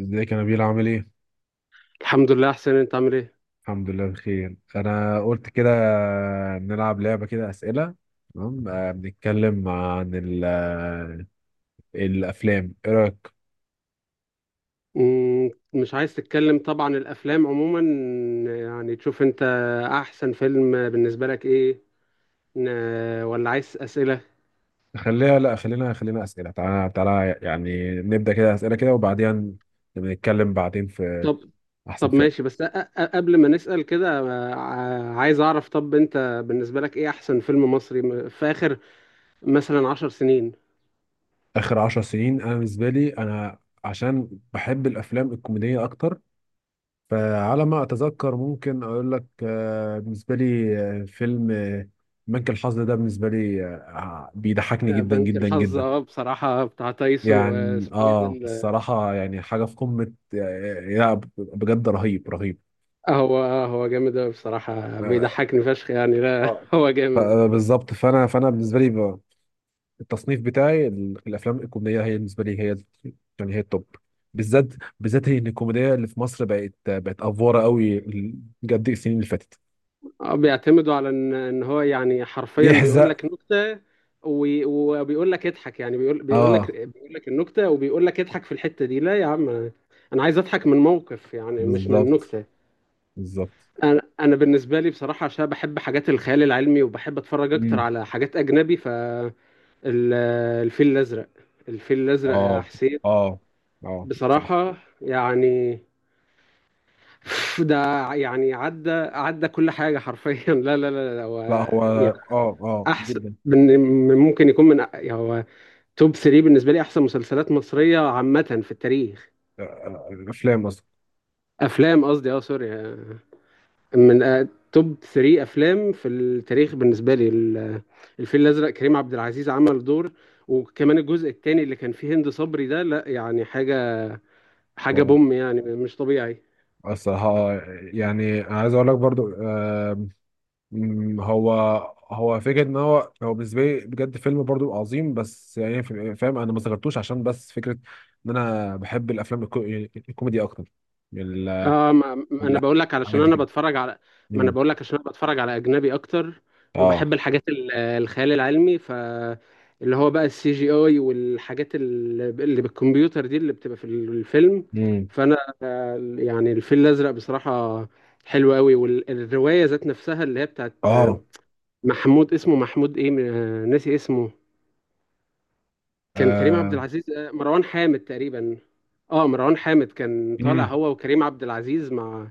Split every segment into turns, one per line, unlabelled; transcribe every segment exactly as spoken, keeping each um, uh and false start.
ازيك يا نبيل عامل ايه؟
الحمد لله، احسن. انت عامل ايه؟
الحمد لله بخير، انا قلت كده نلعب لعبة كده اسئلة. تمام، آه، بنتكلم عن ال- آه، الافلام، ايه رأيك؟
مم، مش عايز تتكلم، طبعا الافلام عموما يعني تشوف انت احسن فيلم بالنسبه لك ايه، ن- ولا عايز اسئله؟
خليها، لا، خلينا خلينا اسئلة، تعالى تعالى يعني نبدأ كده اسئلة كده وبعدين بنتكلم بعدين في
طب
احسن
طب
فيلم.
ماشي، بس أ- أ- قبل ما نسال كده، ع- عايز اعرف. طب انت بالنسبه لك ايه احسن فيلم مصري م- في اخر مثلا عشر سنين؟
اخر عشر سنين، انا بالنسبة لي انا عشان بحب الافلام الكوميدية اكتر، فعلى ما أتذكر ممكن أقول لك، آه، بالنسبة لي آه، فيلم آه، بنك الحظ ده بالنسبة لي، آه، آه، بيضحكني
آه،
جدا
بنك
جدا
الحظ.
جدا.
اه بصراحه بتاع تايسون،
يعني
واسمه ايه ده
آه
ال-
الصراحة يعني حاجة في قمة، آه، لا بجد رهيب رهيب.
هو هو جامد أوي بصراحه،
آه.
بيضحكني فشخ يعني. لا
آه.
هو
ف-
جامد.
آه، بالظبط، فأنا فأنا بالنسبة لي ب- التصنيف بتاعي ال- الأفلام الكوميدية هي بالنسبة لي هي يعني هي التوب، بالذات بالذات إن الكوميديا اللي في مصر بقت بقت أفورة قوي ال- بجد السنين اللي فاتت
اه بيعتمدوا على ان ان هو يعني حرفيا بيقول
يحزق.
لك نكته وي- وبيقول لك اضحك. يعني بيقول بيقول لك
آه،
بيقول لك النكته وبيقول لك اضحك في الحته دي. لا يا عم، انا أنا عايز اضحك من موقف يعني، مش من
بالظبط.
نكته.
بالظبط.
انا انا بالنسبه لي بصراحه، عشان بحب حاجات الخيال العلمي وبحب اتفرج اكتر
امم.
على حاجات اجنبي. فالفيل الازرق الفيل الازرق يا
اه.
حسين،
اه. اه، صح.
بصراحه يعني ده يعني عدى عدى كل حاجه حرفيا لا لا لا لا،
لا،
هو
هو اه. اه
احسن
جدا.
من من- ممكن يكون من يعني هو توب ثلاثة بالنسبه لي، احسن مسلسلات مصريه عامه في التاريخ.
آه، آه، افلام اصلا.
افلام قصدي، اه سوري. آه، من آه، توب ثلاثة افلام في التاريخ بالنسبه لي ال- الفيل الازرق، كريم عبد العزيز عمل دور، وكمان الجزء الثاني اللي كان فيه هند صبري ده، لا يعني حاجه، حاجه
اه
بوم يعني، مش طبيعي.
الصراحه. يعني انا عايز اقول لك برضو، آم، مم، هو هو فكره ان هو هو بالنسبه لي بجد فيلم برضو عظيم، بس يعني في- فاهم انا ما ذكرتوش عشان بس فكره ان انا بحب الافلام الكو... يعني الكوميدي اكتر من ال-
اه ما ما انا
من
بقول لك علشان
الحاجات دي
انا
كده.
بتفرج على، ما انا
مم.
بقول لك عشان انا بتفرج على اجنبي اكتر،
اه.
وبحب الحاجات ال- الخيال العلمي، ف اللي هو بقى السي جي اي، والحاجات ال- اللي بالكمبيوتر دي اللي بتبقى في الفيلم.
مم.
فانا آه، يعني الفيل الازرق بصراحة حلو قوي، والرواية ذات نفسها اللي هي بتاعت آه،
اه.
محمود، اسمه محمود ايه آه، ناسي اسمه. كان كريم عبد
آه.
العزيز آه، مروان حامد تقريبا. اه مروان حامد كان طالع
مم.
هو وكريم عبد العزيز مع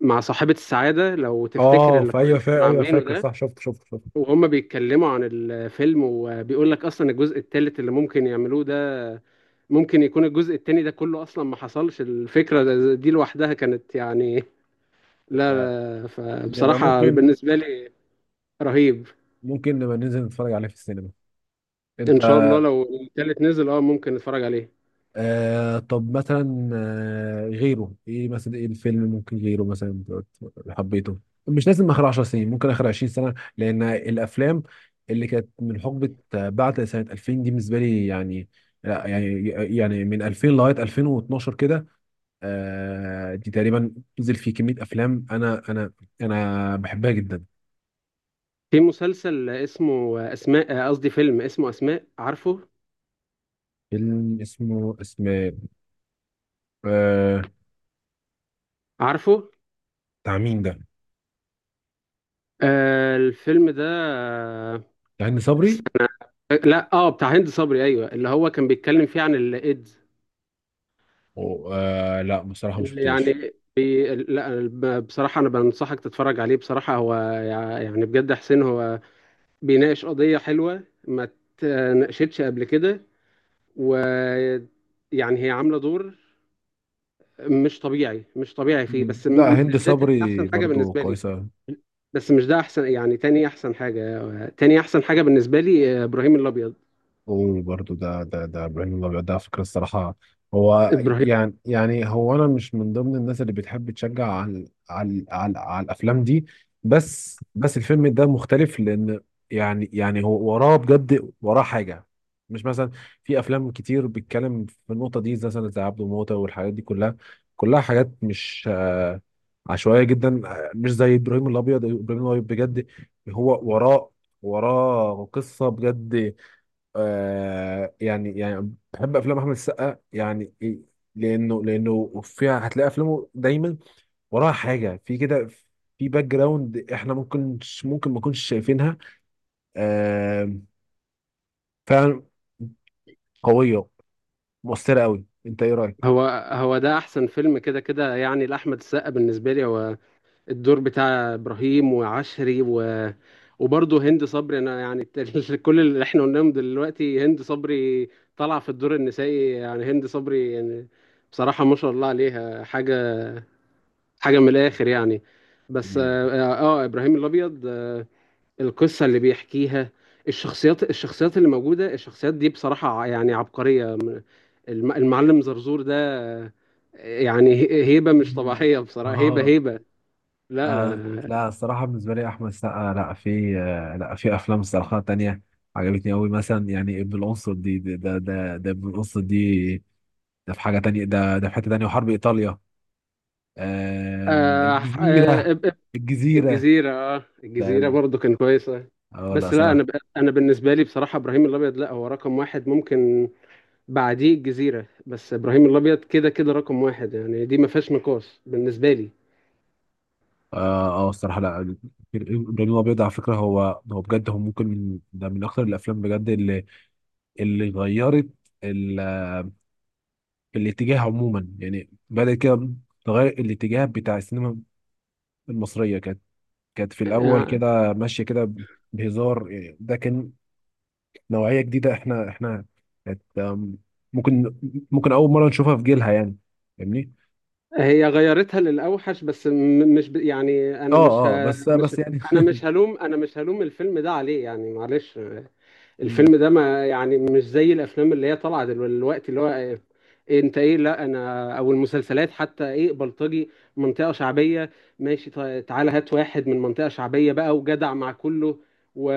مع صاحبة السعادة، لو تفتكر
اه في
اللقاء اللي
ايوه فا...
كانوا
ايوه
عاملينه
فاكر
ده،
صح، شفت شفت شفت.
وهم بيتكلموا عن الفيلم، وبيقول لك أصلا الجزء الثالث اللي ممكن يعملوه ده، ممكن يكون الجزء الثاني ده كله أصلا ما حصلش. الفكرة دي لوحدها كانت يعني،
آه.
لا
نبقى
فبصراحة
ممكن،
بالنسبة لي رهيب.
ممكن نبقى ننزل نتفرج عليه في السينما انت.
إن شاء الله، لو الثالث نزل أه ممكن نتفرج عليه.
آه طب مثلا آه غيره ايه مثلا، ايه الفيلم ممكن غيره مثلا حبيته؟ مش لازم اخر عشر سنين، ممكن اخر عشرين سنه، لان الافلام اللي كانت من حقبه آه، بعد سنه ألفين دي بالنسبه لي يعني، لا يعني يعني من ألفين لغايه ألفين واثني عشر كده، آه دي تقريبا نزل فيه كميه افلام انا انا انا بحبها جدا.
في مسلسل اسمه أسماء، قصدي فيلم اسمه أسماء، عارفه؟
فيلم اسمه اسم آه،
عارفه؟
بتاع مين ده؟
آه الفيلم ده
بتاع هند صبري؟
آه، لا اه بتاع هند صبري، ايوه، اللي هو كان بيتكلم فيه عن الايدز.
و- آه لا بصراحة ما
اللي
شفتوش.
يعني بي... لا، ب- بصراحه انا بنصحك تتفرج عليه بصراحه. هو يع- يعني بجد حسين، هو بيناقش قضيه حلوه ما اتناقشتش قبل كده، و يعني هي عامله دور مش طبيعي، مش طبيعي فيه.
مم.
بس
لا
م-
هند
مش ده تاني
صبري
احسن حاجه
برضو
بالنسبه لي.
كويسة.
بس مش ده احسن يعني، تاني احسن حاجه. تاني احسن حاجه بالنسبه لي آه، ابراهيم الابيض.
وبرضه ده ده ده ابراهيم الابيض ده على فكره الصراحه هو
ابراهيم
يعني يعني هو انا مش من ضمن الناس اللي بتحب تشجع على على على, على الافلام دي، بس بس الفيلم ده مختلف لان يعني يعني هو وراه بجد وراه حاجه، مش مثلا في افلام كتير بتتكلم في النقطه دي زي مثلا زي عبده موته والحاجات دي كلها، كلها حاجات مش آه، عشوائيه جدا آه، مش زي ابراهيم الابيض. ابراهيم الابيض بجد هو وراه وراه قصة بجد. آه يعني يعني بحب افلام احمد السقا يعني إيه، لانه لانه فيها هتلاقي افلامه دايما وراها حاجه في كده، في باك جراوند احنا ممكن ممكن ما كناش شايفينها. آه. فعلا قويه، مؤثره قوي. انت ايه رايك؟
هو هو ده احسن فيلم كده كده يعني لاحمد السقا بالنسبه لي، هو الدور بتاع ابراهيم وعشري، و... وبرضه هند صبري، انا يعني الت- كل اللي احنا قلناهم دلوقتي، هند صبري طالعه في الدور النسائي يعني، هند صبري يعني، بصراحه ما شاء الله عليها، حاجه حاجه من الاخر يعني. بس
دي-
اه, آه ابراهيم الابيض آه القصه اللي بيحكيها، الشخصيات الشخصيات اللي موجوده، الشخصيات دي بصراحه ع- يعني عبقريه، م- الم- المعلم زرزور ده آه، يعني هي- هيبه مش
مم.
طبيعيه بصراحه، هيبه
آه.
هيبه. لا
آه.
لا
لا الصراحة بالنسبة لي أحمد السقا، لا في آه لا في أفلام الصراحة تانية عجبتني أوي مثلا. يعني ابن الأنصر دي، ده ده ده ده ابن الأنصر دي ده في حاجة تانية، ده ده في حتة تانية. وحرب إيطاليا. آه،
آه آه
الجزيرة.
إب- إب-
الجزيرة.
الجزيرة. اه
ده
الجزيرة
ال-
برضو كان كويسة.
اه لا
بس لا انا ب...
صراحة.
انا بالنسبة لي بصراحة ابراهيم الابيض، لا هو رقم واحد. ممكن بعديه الجزيرة، بس ابراهيم الابيض كده كده رقم واحد يعني، دي ما فيهاش نقاش بالنسبة لي.
اه اه الصراحة لا، إبراهيم الأبيض على فكرة هو هو بجد هو ممكن من ده من أكثر الأفلام بجد اللي اللي غيرت ال... الاتجاه عموما، يعني بدأت كده تغير الاتجاه بتاع السينما المصرية. كانت كانت في الأول
آه
كده ماشية كده بهزار، يعني ده كان نوعية جديدة، احنا احنا ات- أم، ممكن ممكن أول مرة نشوفها في جيلها يعني. فاهمني؟
هي غيرتها للاوحش، بس م... مش ب... يعني انا
اه.
مش
اه
ه...
بس
مش
بس يعني
انا مش هلوم انا مش هلوم الفيلم ده عليه يعني، معلش.
مم.
الفيلم ده ما يعني، مش زي الافلام اللي هي طالعه دلوقتي اللي هو إيه، انت ايه لا انا، او المسلسلات حتى، ايه بلطجي، منطقه شعبيه. ماشي طيب، تعالى هات واحد من منطقه شعبيه بقى وجدع مع كله، و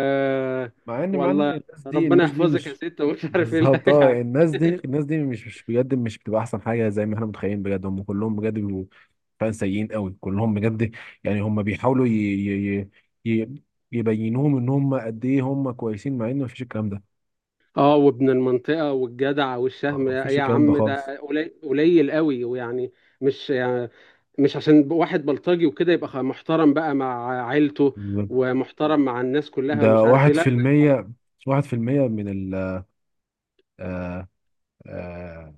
مع ان مع ان
والله
الناس دي
ربنا
الناس دي
يحفظك يا
مش،
ست ومش عارف ايه. لا،
بالظبط. اه
يعني.
الناس دي الناس دي مش مش بجد مش بتبقى احسن حاجه زي ما احنا متخيلين، بجد هم كلهم بجد بيبقوا فعلا سيئين قوي كلهم بجد. يعني هم بيحاولوا ي... ي... ي... ي- يبينوهم ان هم قد ايه هم كويسين، مع ان مفيش الكلام ده.
اه وابن المنطقة والجدع
آه،
والشهم، يا
مفيش
يا
الكلام ده
عم
خالص.
ده قليل قليل قوي، ويعني مش يعني، مش عشان واحد بلطجي وكده يبقى خ- محترم بقى مع عيلته
بالظبط.
ومحترم مع الناس كلها
ده
ومش عارف
واحد
ايه. لا
في
ده
المية. واحد في المية من ال آه، آه،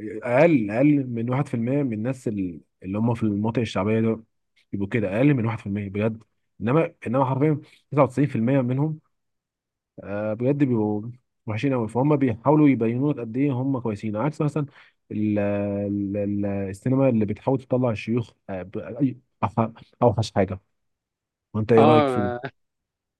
اقل، اقل من واحد في المية من الناس ال- اللي هم في المناطق الشعبيه دول يبقوا كده اقل من واحد في المية بجد. انما انما حرفيا تسعة وتسعين في المية منهم آه، بجد بيبقوا وحشين قوي. فهم بيحاولوا يبينوا لك قد ايه هم كويسين، عكس مثلا ال- ال- ال- السينما اللي بتحاول تطلع الشيوخ آه، بأي- أوح- اوحش حاجه. وانت ايه رايك في؟
اه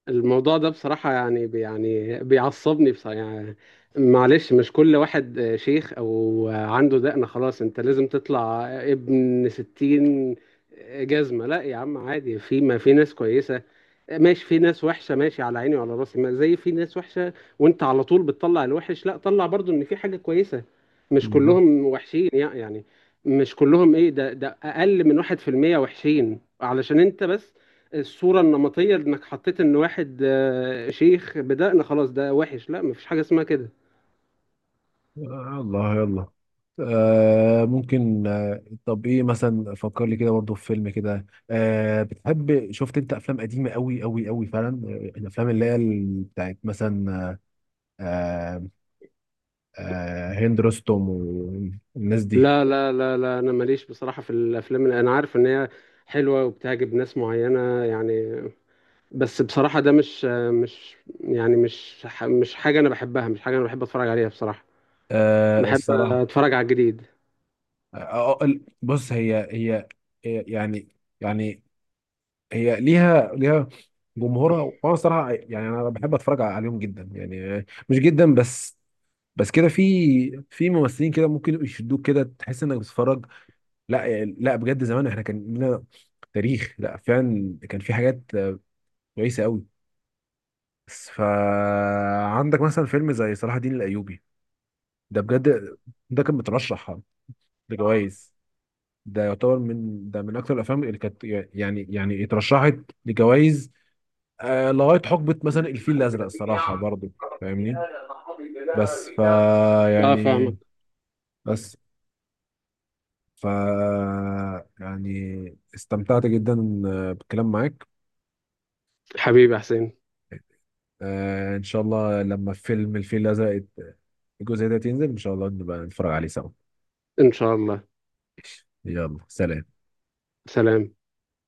الموضوع ده بصراحة يعني، بي- يعني بيعصبني بصراحة يعني، معلش، مش كل واحد آه، شيخ او آه، عنده دقنة خلاص انت لازم تطلع ابن ستين جزمة، لا يا عم عادي، في ما في ناس كويسة، ماشي في ناس وحشة، ماشي على عيني وعلى راسي، ما زي في ناس وحشة. وانت على طول بتطلع الوحش، لا طلع برضو ان في حاجة كويسة. مش
بالظبط.
كلهم وحشين يع- يعني، مش كلهم ايه، ده ده اقل من واحد في المية وحشين علشان انت بس الصورة النمطية انك حطيت ان واحد آه، شيخ بدقن خلاص ده وحش، لا مفيش حاجة اسمها كده.
يلا يلا. آه ممكن. آه طب ايه مثلا، فكر لي كده برضه في فيلم كده، آه بتحب، شفت انت افلام قديمه قوي قوي قوي فعلا، آه، الافلام اللي هي ال- بتاعت مثلا آه، آه هند رستم والناس دي.
لا لا لا لا، انا ماليش بصراحة في الافلام، انا عارف ان هي حلوة وبتعجب ناس معينة يعني، بس بصراحة ده مش مش يعني، مش ح- مش حاجة أنا بحبها، مش حاجة أنا بحب أتفرج عليها بصراحة.
آه
بحب
الصراحه
أتفرج على الجديد.
آه آه، ال- بص هي هي هي يعني يعني هي ليها ليها جمهورها، وانا صراحه يعني انا بحب اتفرج عليهم جدا، يعني مش جدا بس، بس كده في في ممثلين كده ممكن يشدوك كده تحس انك بتتفرج. لا يعني لا بجد زمان احنا كان لنا تاريخ، لا فعلا كان في حاجات كويسه قوي. بس فعندك مثلا فيلم زي صلاح الدين الايوبي ده بجد ده كان مترشح لجوائز، ده يعتبر من ده من اكثر الافلام اللي كانت يعني يعني اترشحت لجوائز. آه لغايه حقبه مثلا الفيل الازرق الصراحه برضه. فاهمني؟ بس فا
اه
يعني
فاهمك.
بس فا يعني استمتعت جدا بالكلام معاك.
حبيبي يا حسين،
آه، ان شاء الله لما فيلم الفيل الازرق الجزء ده ينزل ان شاء الله نبقى نتفرج عليه سوا.
إن شاء الله.
يلا سلام.
سلام.